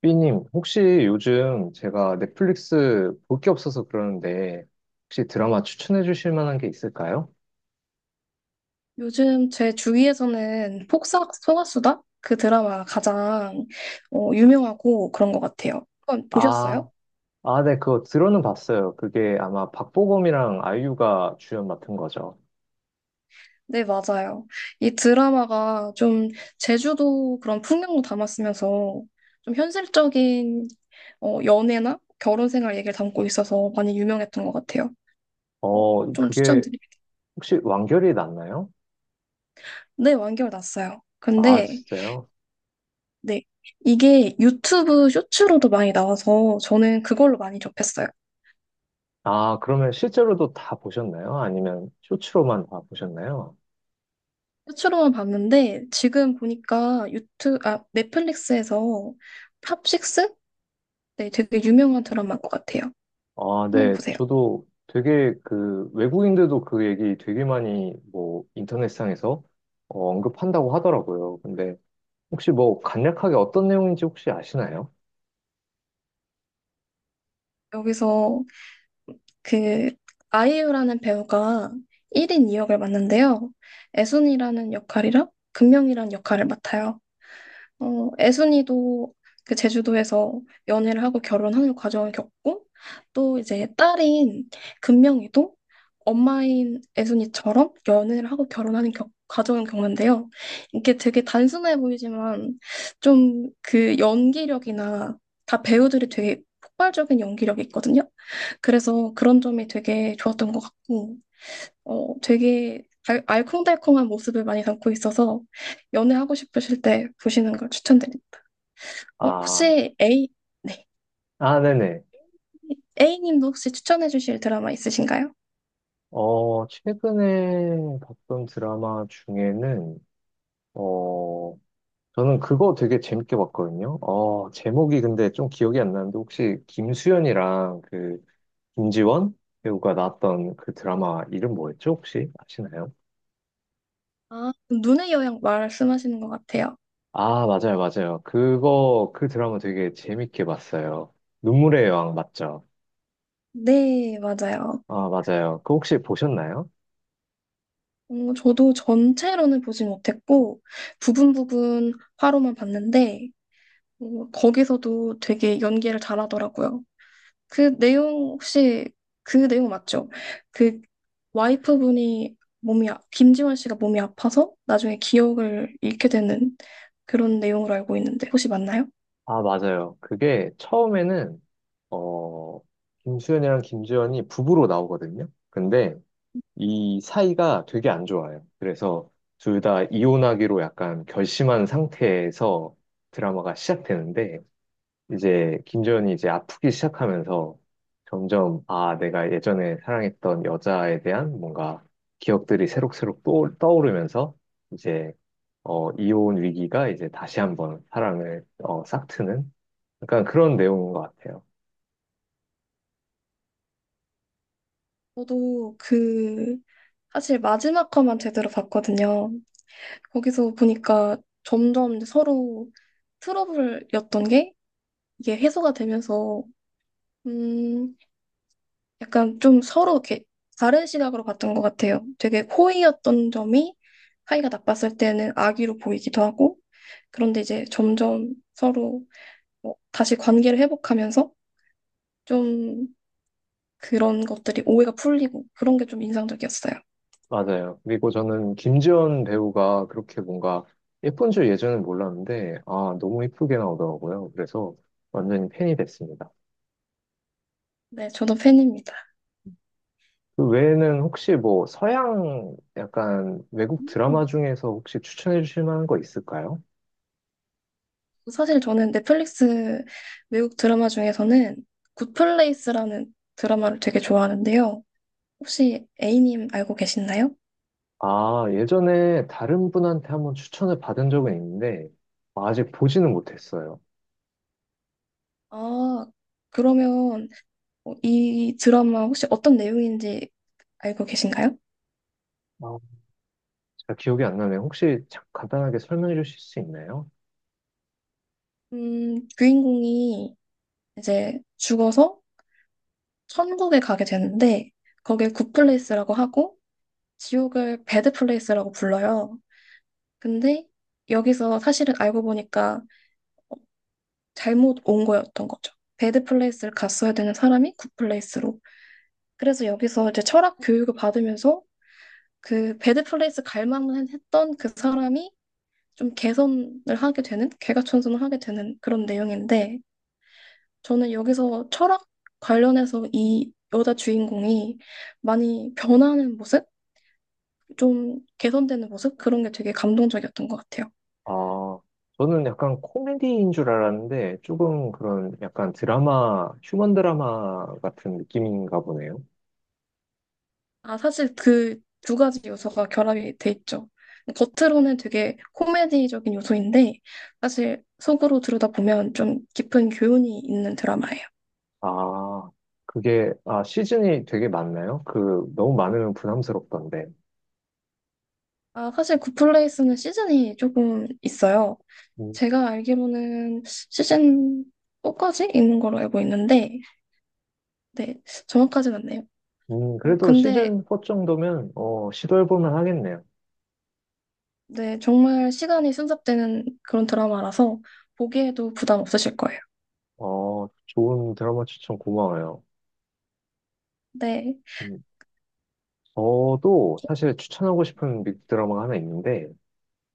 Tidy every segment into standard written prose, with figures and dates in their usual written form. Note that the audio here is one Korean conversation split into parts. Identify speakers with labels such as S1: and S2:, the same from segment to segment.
S1: 삐님, 혹시 요즘 제가 넷플릭스 볼 게 없어서 그러는데, 혹시 드라마 추천해 주실 만한 게 있을까요?
S2: 요즘 제 주위에서는 폭삭소가수다 그 드라마가 가장 유명하고 그런 것 같아요. 한번
S1: 아,
S2: 보셨어요?
S1: 네, 그거 들어는 봤어요. 그게 아마 박보검이랑 아이유가 주연 맡은 거죠.
S2: 네, 맞아요. 이 드라마가 좀 제주도 그런 풍경도 담았으면서 좀 현실적인 연애나 결혼 생활 얘기를 담고 있어서 많이 유명했던 것 같아요. 어,
S1: 어,
S2: 좀
S1: 그게
S2: 추천드립니다.
S1: 혹시 완결이 났나요?
S2: 네, 완결 났어요.
S1: 아,
S2: 근데
S1: 진짜요?
S2: 네, 이게 유튜브 쇼츠로도 많이 나와서 저는 그걸로 많이 접했어요.
S1: 아, 그러면 실제로도 다 보셨나요? 아니면 쇼츠로만 다 보셨나요?
S2: 끝으로만 봤는데 지금 보니까 유튜 아 넷플릭스에서 탑식스? 네, 되게 유명한 드라마인 것 같아요.
S1: 아,
S2: 한번
S1: 네.
S2: 보세요.
S1: 저도 되게 그 외국인들도 그 얘기 되게 많이 뭐 인터넷상에서 언급한다고 하더라고요. 근데 혹시 뭐 간략하게 어떤 내용인지 혹시 아시나요?
S2: 여기서 그 아이유라는 배우가 1인 2역을 맡는데요. 애순이라는 역할이랑 금명이라는 역할을 맡아요. 애순이도 그 제주도에서 연애를 하고 결혼하는 과정을 겪고 또 이제 딸인 금명이도 엄마인 애순이처럼 연애를 하고 결혼하는 과정을 겪는데요. 이게 되게 단순해 보이지만 좀 그 연기력이나 다 배우들이 되게 폭발적인 연기력이 있거든요. 그래서 그런 점이 되게 좋았던 것 같고 되게 알콩달콩한 모습을 많이 담고 있어서 연애하고 싶으실 때 보시는 걸 추천드립니다.
S1: 아,
S2: 혹시 A, 네.
S1: 아, 네네.
S2: A님도 혹시 추천해 주실 드라마 있으신가요?
S1: 어, 최근에 봤던 드라마 중에는 어, 저는 그거 되게 재밌게 봤거든요. 어, 제목이 근데 좀 기억이 안 나는데 혹시 김수현이랑 그 김지원 배우가 나왔던 그 드라마 이름 뭐였죠? 혹시 아시나요?
S2: 아, 눈의 여행 말씀하시는 것 같아요.
S1: 아, 맞아요, 맞아요. 그거, 그 드라마 되게 재밌게 봤어요. 눈물의 여왕 맞죠?
S2: 네, 맞아요.
S1: 아, 맞아요. 그 혹시 보셨나요?
S2: 저도 전체로는 보지 못했고 부분 부분 화로만 봤는데 거기서도 되게 연기를 잘하더라고요. 그 내용 혹시 그 내용 맞죠? 그 와이프분이 김지원 씨가 몸이 아파서 나중에 기억을 잃게 되는 그런 내용으로 알고 있는데 혹시 맞나요?
S1: 아, 맞아요. 그게 처음에는, 어, 김수현이랑 김주현이 부부로 나오거든요. 근데 이 사이가 되게 안 좋아요. 그래서 둘 다 이혼하기로 약간 결심한 상태에서 드라마가 시작되는데, 이제 김지현이 이제 아프기 시작하면서 점점 아 내가 예전에 사랑했던 여자에 대한 뭔가 기억들이 새록새록 또 떠오르면서 이제 어 이혼 위기가 이제 다시 한번 사랑을 어 싹트는 약간 그런 내용인 것 같아요.
S2: 저도 그 사실 마지막 화만 제대로 봤거든요. 거기서 보니까 점점 이제 서로 트러블이었던 게 이게 해소가 되면서 약간 좀 서로 이렇게 다른 시각으로 봤던 것 같아요. 되게 호의였던 점이 사이가 나빴을 때는 악의로 보이기도 하고, 그런데 이제 점점 서로 뭐 다시 관계를 회복하면서 좀 그런 것들이 오해가 풀리고 그런 게 좀 인상적이었어요.
S1: 맞아요. 그리고 저는 김지현 배우가 그렇게 뭔가 예쁜 줄 예전엔 몰랐는데 아 너무 예쁘게 나오더라고요. 그래서 완전히 팬이 됐습니다.
S2: 네, 저도 팬입니다.
S1: 그 외에는 혹시 뭐 서양 약간 외국
S2: 음.
S1: 드라마 중에서 혹시 추천해 주실 만한 거 있을까요?
S2: 사실 저는 넷플릭스 외국 드라마 중에서는 굿플레이스라는 드라마를 되게 좋아하는데요. 혹시 A님 알고 계시나요?
S1: 아, 예전에 다른 분한테 한번 추천을 받은 적은 있는데 아직 보지는 못했어요.
S2: 아, 그러면 이 드라마 혹시 어떤 내용인지 알고 계신가요?
S1: 아, 제가 기억이 안 나네요. 혹시 간단하게 설명해 주실 수 있나요?
S2: 주인공이 이제 죽어서 천국에 가게 되는데, 거길 굿플레이스라고 하고, 지옥을 배드플레이스라고 불러요. 근데 여기서 사실은 알고 보니까 잘못 온 거였던 거죠. 배드플레이스를 갔어야 되는 사람이 굿플레이스로. 그래서 여기서 이제 철학 교육을 받으면서 그 배드플레이스 갈 만했던 그 사람이 좀 개선을 하게 되는, 개과천선을 하게 되는 그런 내용인데, 저는 여기서 철학 관련해서 이 여자 주인공이 많이 변하는 모습? 좀 개선되는 모습? 그런 게 되게 감동적이었던 것 같아요.
S1: 아, 저는 약간 코미디인 줄 알았는데 조금 그런 약간 드라마, 휴먼 드라마 같은 느낌인가 보네요.
S2: 아, 사실 그 두 가지 요소가 결합이 돼 있죠. 겉으로는 되게 코미디적인 요소인데, 사실 속으로 들여다보면 좀 깊은 교훈이 있는 드라마예요.
S1: 아, 그게, 아, 시즌이 되게 많나요? 그, 너무 많으면 부담스럽던데.
S2: 아, 사실 굿플레이스는 시즌이 조금 있어요.
S1: 음,
S2: 제가 알기로는 시즌 4까지 있는 걸로 알고 있는데, 네, 정확하진 않네요. 어,
S1: 그래도
S2: 근데,
S1: 시즌 4 정도면, 어, 시도해보면 하겠네요.
S2: 네, 정말 시간이 순삭되는 그런 드라마라서 보기에도 부담 없으실 거예요.
S1: 어, 좋은 드라마 추천 고마워요.
S2: 네.
S1: 음, 저도 사실 추천하고 싶은 빅 드라마가 하나 있는데,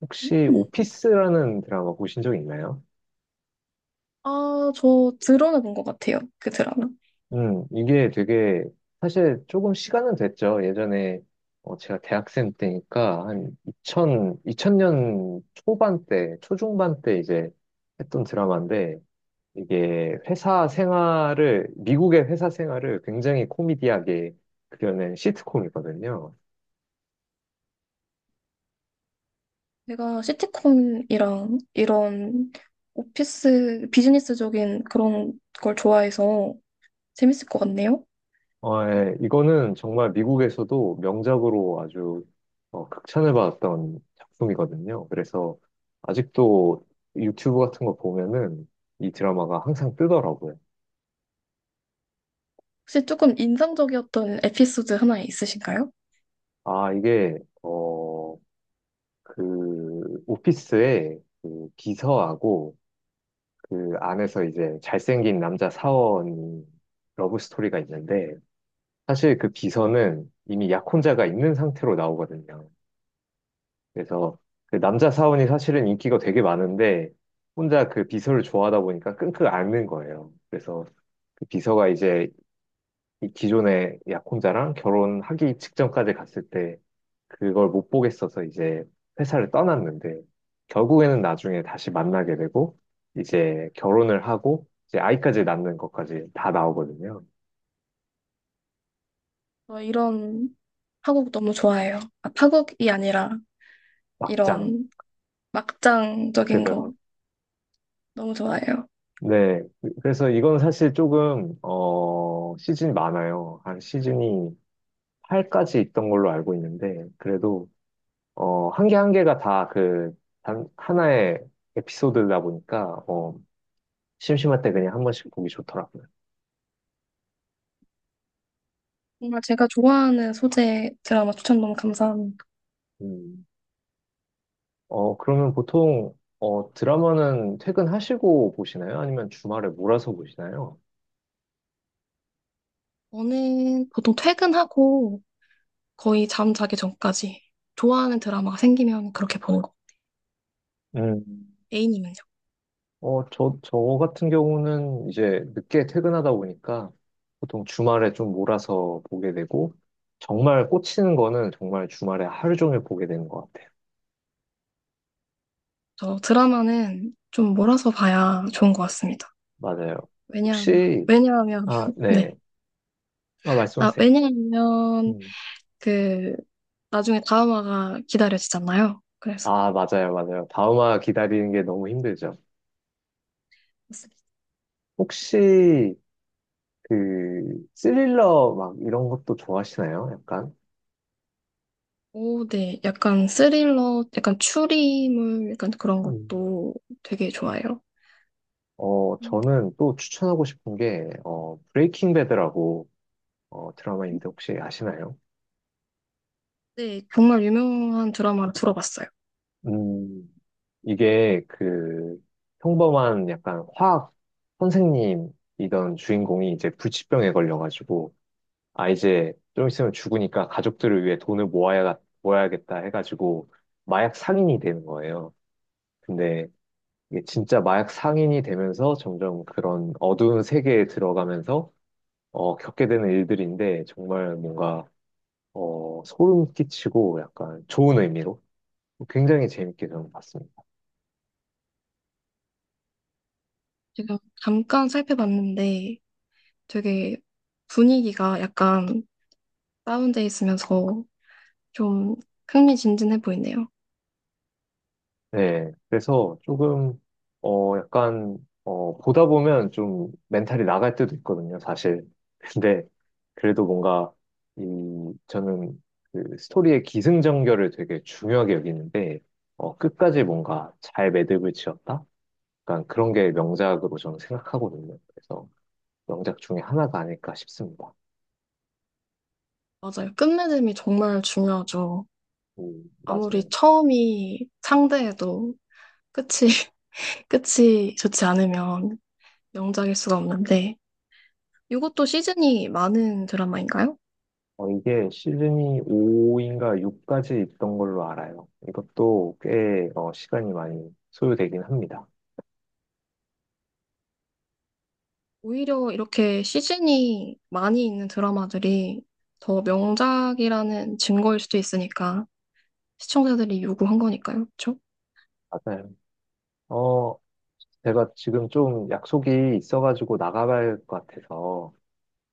S1: 혹시
S2: 음.
S1: 오피스라는 드라마 보신 적 있나요?
S2: 아, 저 드러내 본것 같아요. 그 드라마.
S1: 이게 되게, 사실 조금 시간은 됐죠. 예전에, 어, 제가 대학생 때니까, 한 2000, 2000년 초반 때, 초중반 때 이제 했던 드라마인데, 이게 회사 생활을, 미국의 회사 생활을 굉장히 코미디하게 그려낸 시트콤이거든요.
S2: 제가 시트콤이랑 이런 오피스, 비즈니스적인 그런 걸 좋아해서 재밌을 것 같네요.
S1: 어, 예. 이거는 정말 미국에서도 명작으로 아주 극찬을 받았던 작품이거든요. 그래서 아직도 유튜브 같은 거 보면은 이 드라마가 항상 뜨더라고요.
S2: 혹시 조금 인상적이었던 에피소드 하나 있으신가요?
S1: 아, 이게, 어, 그, 오피스에 그 비서하고 그 안에서 이제 잘생긴 남자 사원 러브 스토리가 있는데 사실 그 비서는 이미 약혼자가 있는 상태로 나오거든요. 그래서 그 남자 사원이 사실은 인기가 되게 많은데 혼자 그 비서를 좋아하다 보니까 끙끙 앓는 거예요. 그래서 그 비서가 이제 이 기존의 약혼자랑 결혼하기 직전까지 갔을 때 그걸 못 보겠어서 이제 회사를 떠났는데 결국에는 나중에 다시 만나게 되고 이제 결혼을 하고 이제 아이까지 낳는 것까지 다 나오거든요.
S2: 저 이런 파국 너무 좋아해요. 아, 파국이 아니라
S1: 막장.
S2: 이런 막장적인
S1: 그죠.
S2: 거 너무 좋아해요.
S1: 네. 그래서 이건 사실 조금, 시즌이 많아요. 한 시즌이 팔까지 있던 걸로 알고 있는데, 그래도, 어, 한 개 한 개가 다 그, 단, 하나의 에피소드다 보니까, 어, 심심할 때 그냥 한 번씩 보기 좋더라고요.
S2: 정말 제가 좋아하는 소재 드라마 추천 너무 감사합니다.
S1: 음. 어, 그러면 보통, 어, 드라마는 퇴근하시고 보시나요? 아니면 주말에 몰아서 보시나요?
S2: 저는 보통 퇴근하고 거의 잠 자기 전까지 좋아하는 드라마가 생기면 그렇게 보는 거.
S1: 음.
S2: A님은요?
S1: 저 같은 경우는 이제 늦게 퇴근하다 보니까 보통 주말에 좀 몰아서 보게 되고, 정말 꽂히는 거는 정말 주말에 하루 종일 보게 되는 것 같아요.
S2: 저 드라마는 좀 몰아서 봐야 좋은 것 같습니다.
S1: 맞아요.
S2: 왜냐하면,
S1: 혹시,
S2: 왜냐하면,
S1: 아, 네.
S2: 네.
S1: 아,
S2: 아,
S1: 말씀하세요.
S2: 왜냐하면
S1: 음.
S2: 그 나중에 다음화가 기다려지잖아요. 그래서
S1: 아, 맞아요, 맞아요. 다음화 기다리는 게 너무 힘들죠. 혹시, 그, 스릴러 막 이런 것도 좋아하시나요? 약간?
S2: 오, 네, 약간 스릴러, 약간 추리물, 약간 그런
S1: 음.
S2: 것도 되게 좋아해요.
S1: 어,
S2: 음.
S1: 저는 또 추천하고 싶은 게, 어, 브레이킹 배드라고, 드라마인데 혹시 아시나요?
S2: 네, 정말 유명한 드라마를 들어봤어요.
S1: 음, 이게 그, 평범한 약간 화학 선생님이던 주인공이 이제 불치병에 걸려가지고, 아, 이제 좀 있으면 죽으니까 가족들을 위해 돈을 모아야, 모아야겠다 해가지고 마약 상인이 되는 거예요. 근데 이게 진짜 마약 상인이 되면서 점점 그런 어두운 세계에 들어가면서 겪게 되는 일들인데 정말 뭔가 소름 끼치고 약간 좋은 의미로 굉장히 재밌게 저는 봤습니다.
S2: 제가 잠깐 살펴봤는데 되게 분위기가 약간 다운돼 있으면서 좀 흥미진진해 보이네요.
S1: 네, 그래서 조금, 어, 약간, 어, 보다 보면 좀 멘탈이 나갈 때도 있거든요, 사실. 근데 그래도 뭔가, 이, 저는 그 스토리의 기승전결을 되게 중요하게 여기는데, 어, 끝까지 뭔가 잘 매듭을 지었다? 약간 그런 게 명작으로 저는 생각하거든요. 그래서 명작 중에 하나가 아닐까 싶습니다.
S2: 맞아요. 끝맺음이 정말 중요하죠. 아무리
S1: 맞아요.
S2: 처음이 상대해도 끝이, 끝이 좋지 않으면 명작일 수가 없는데. 이것도 시즌이 많은 드라마인가요?
S1: 어, 이게 시즌이 5인가 6까지 있던 걸로 알아요. 이것도 꽤 어, 시간이 많이 소요되긴 합니다.
S2: 오히려 이렇게 시즌이 많이 있는 드라마들이 더 명작이라는 증거일 수도 있으니까 시청자들이 요구한 거니까요. 그렇죠?
S1: 맞아요. 어, 제가 지금 좀 약속이 있어가지고 나가봐야 할 것 같아서,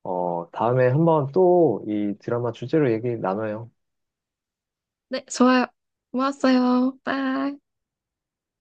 S1: 어, 다음에 한번 또 이 드라마 주제로 얘기 나눠요.
S2: 네, 좋아요. 고맙어요. 빠이.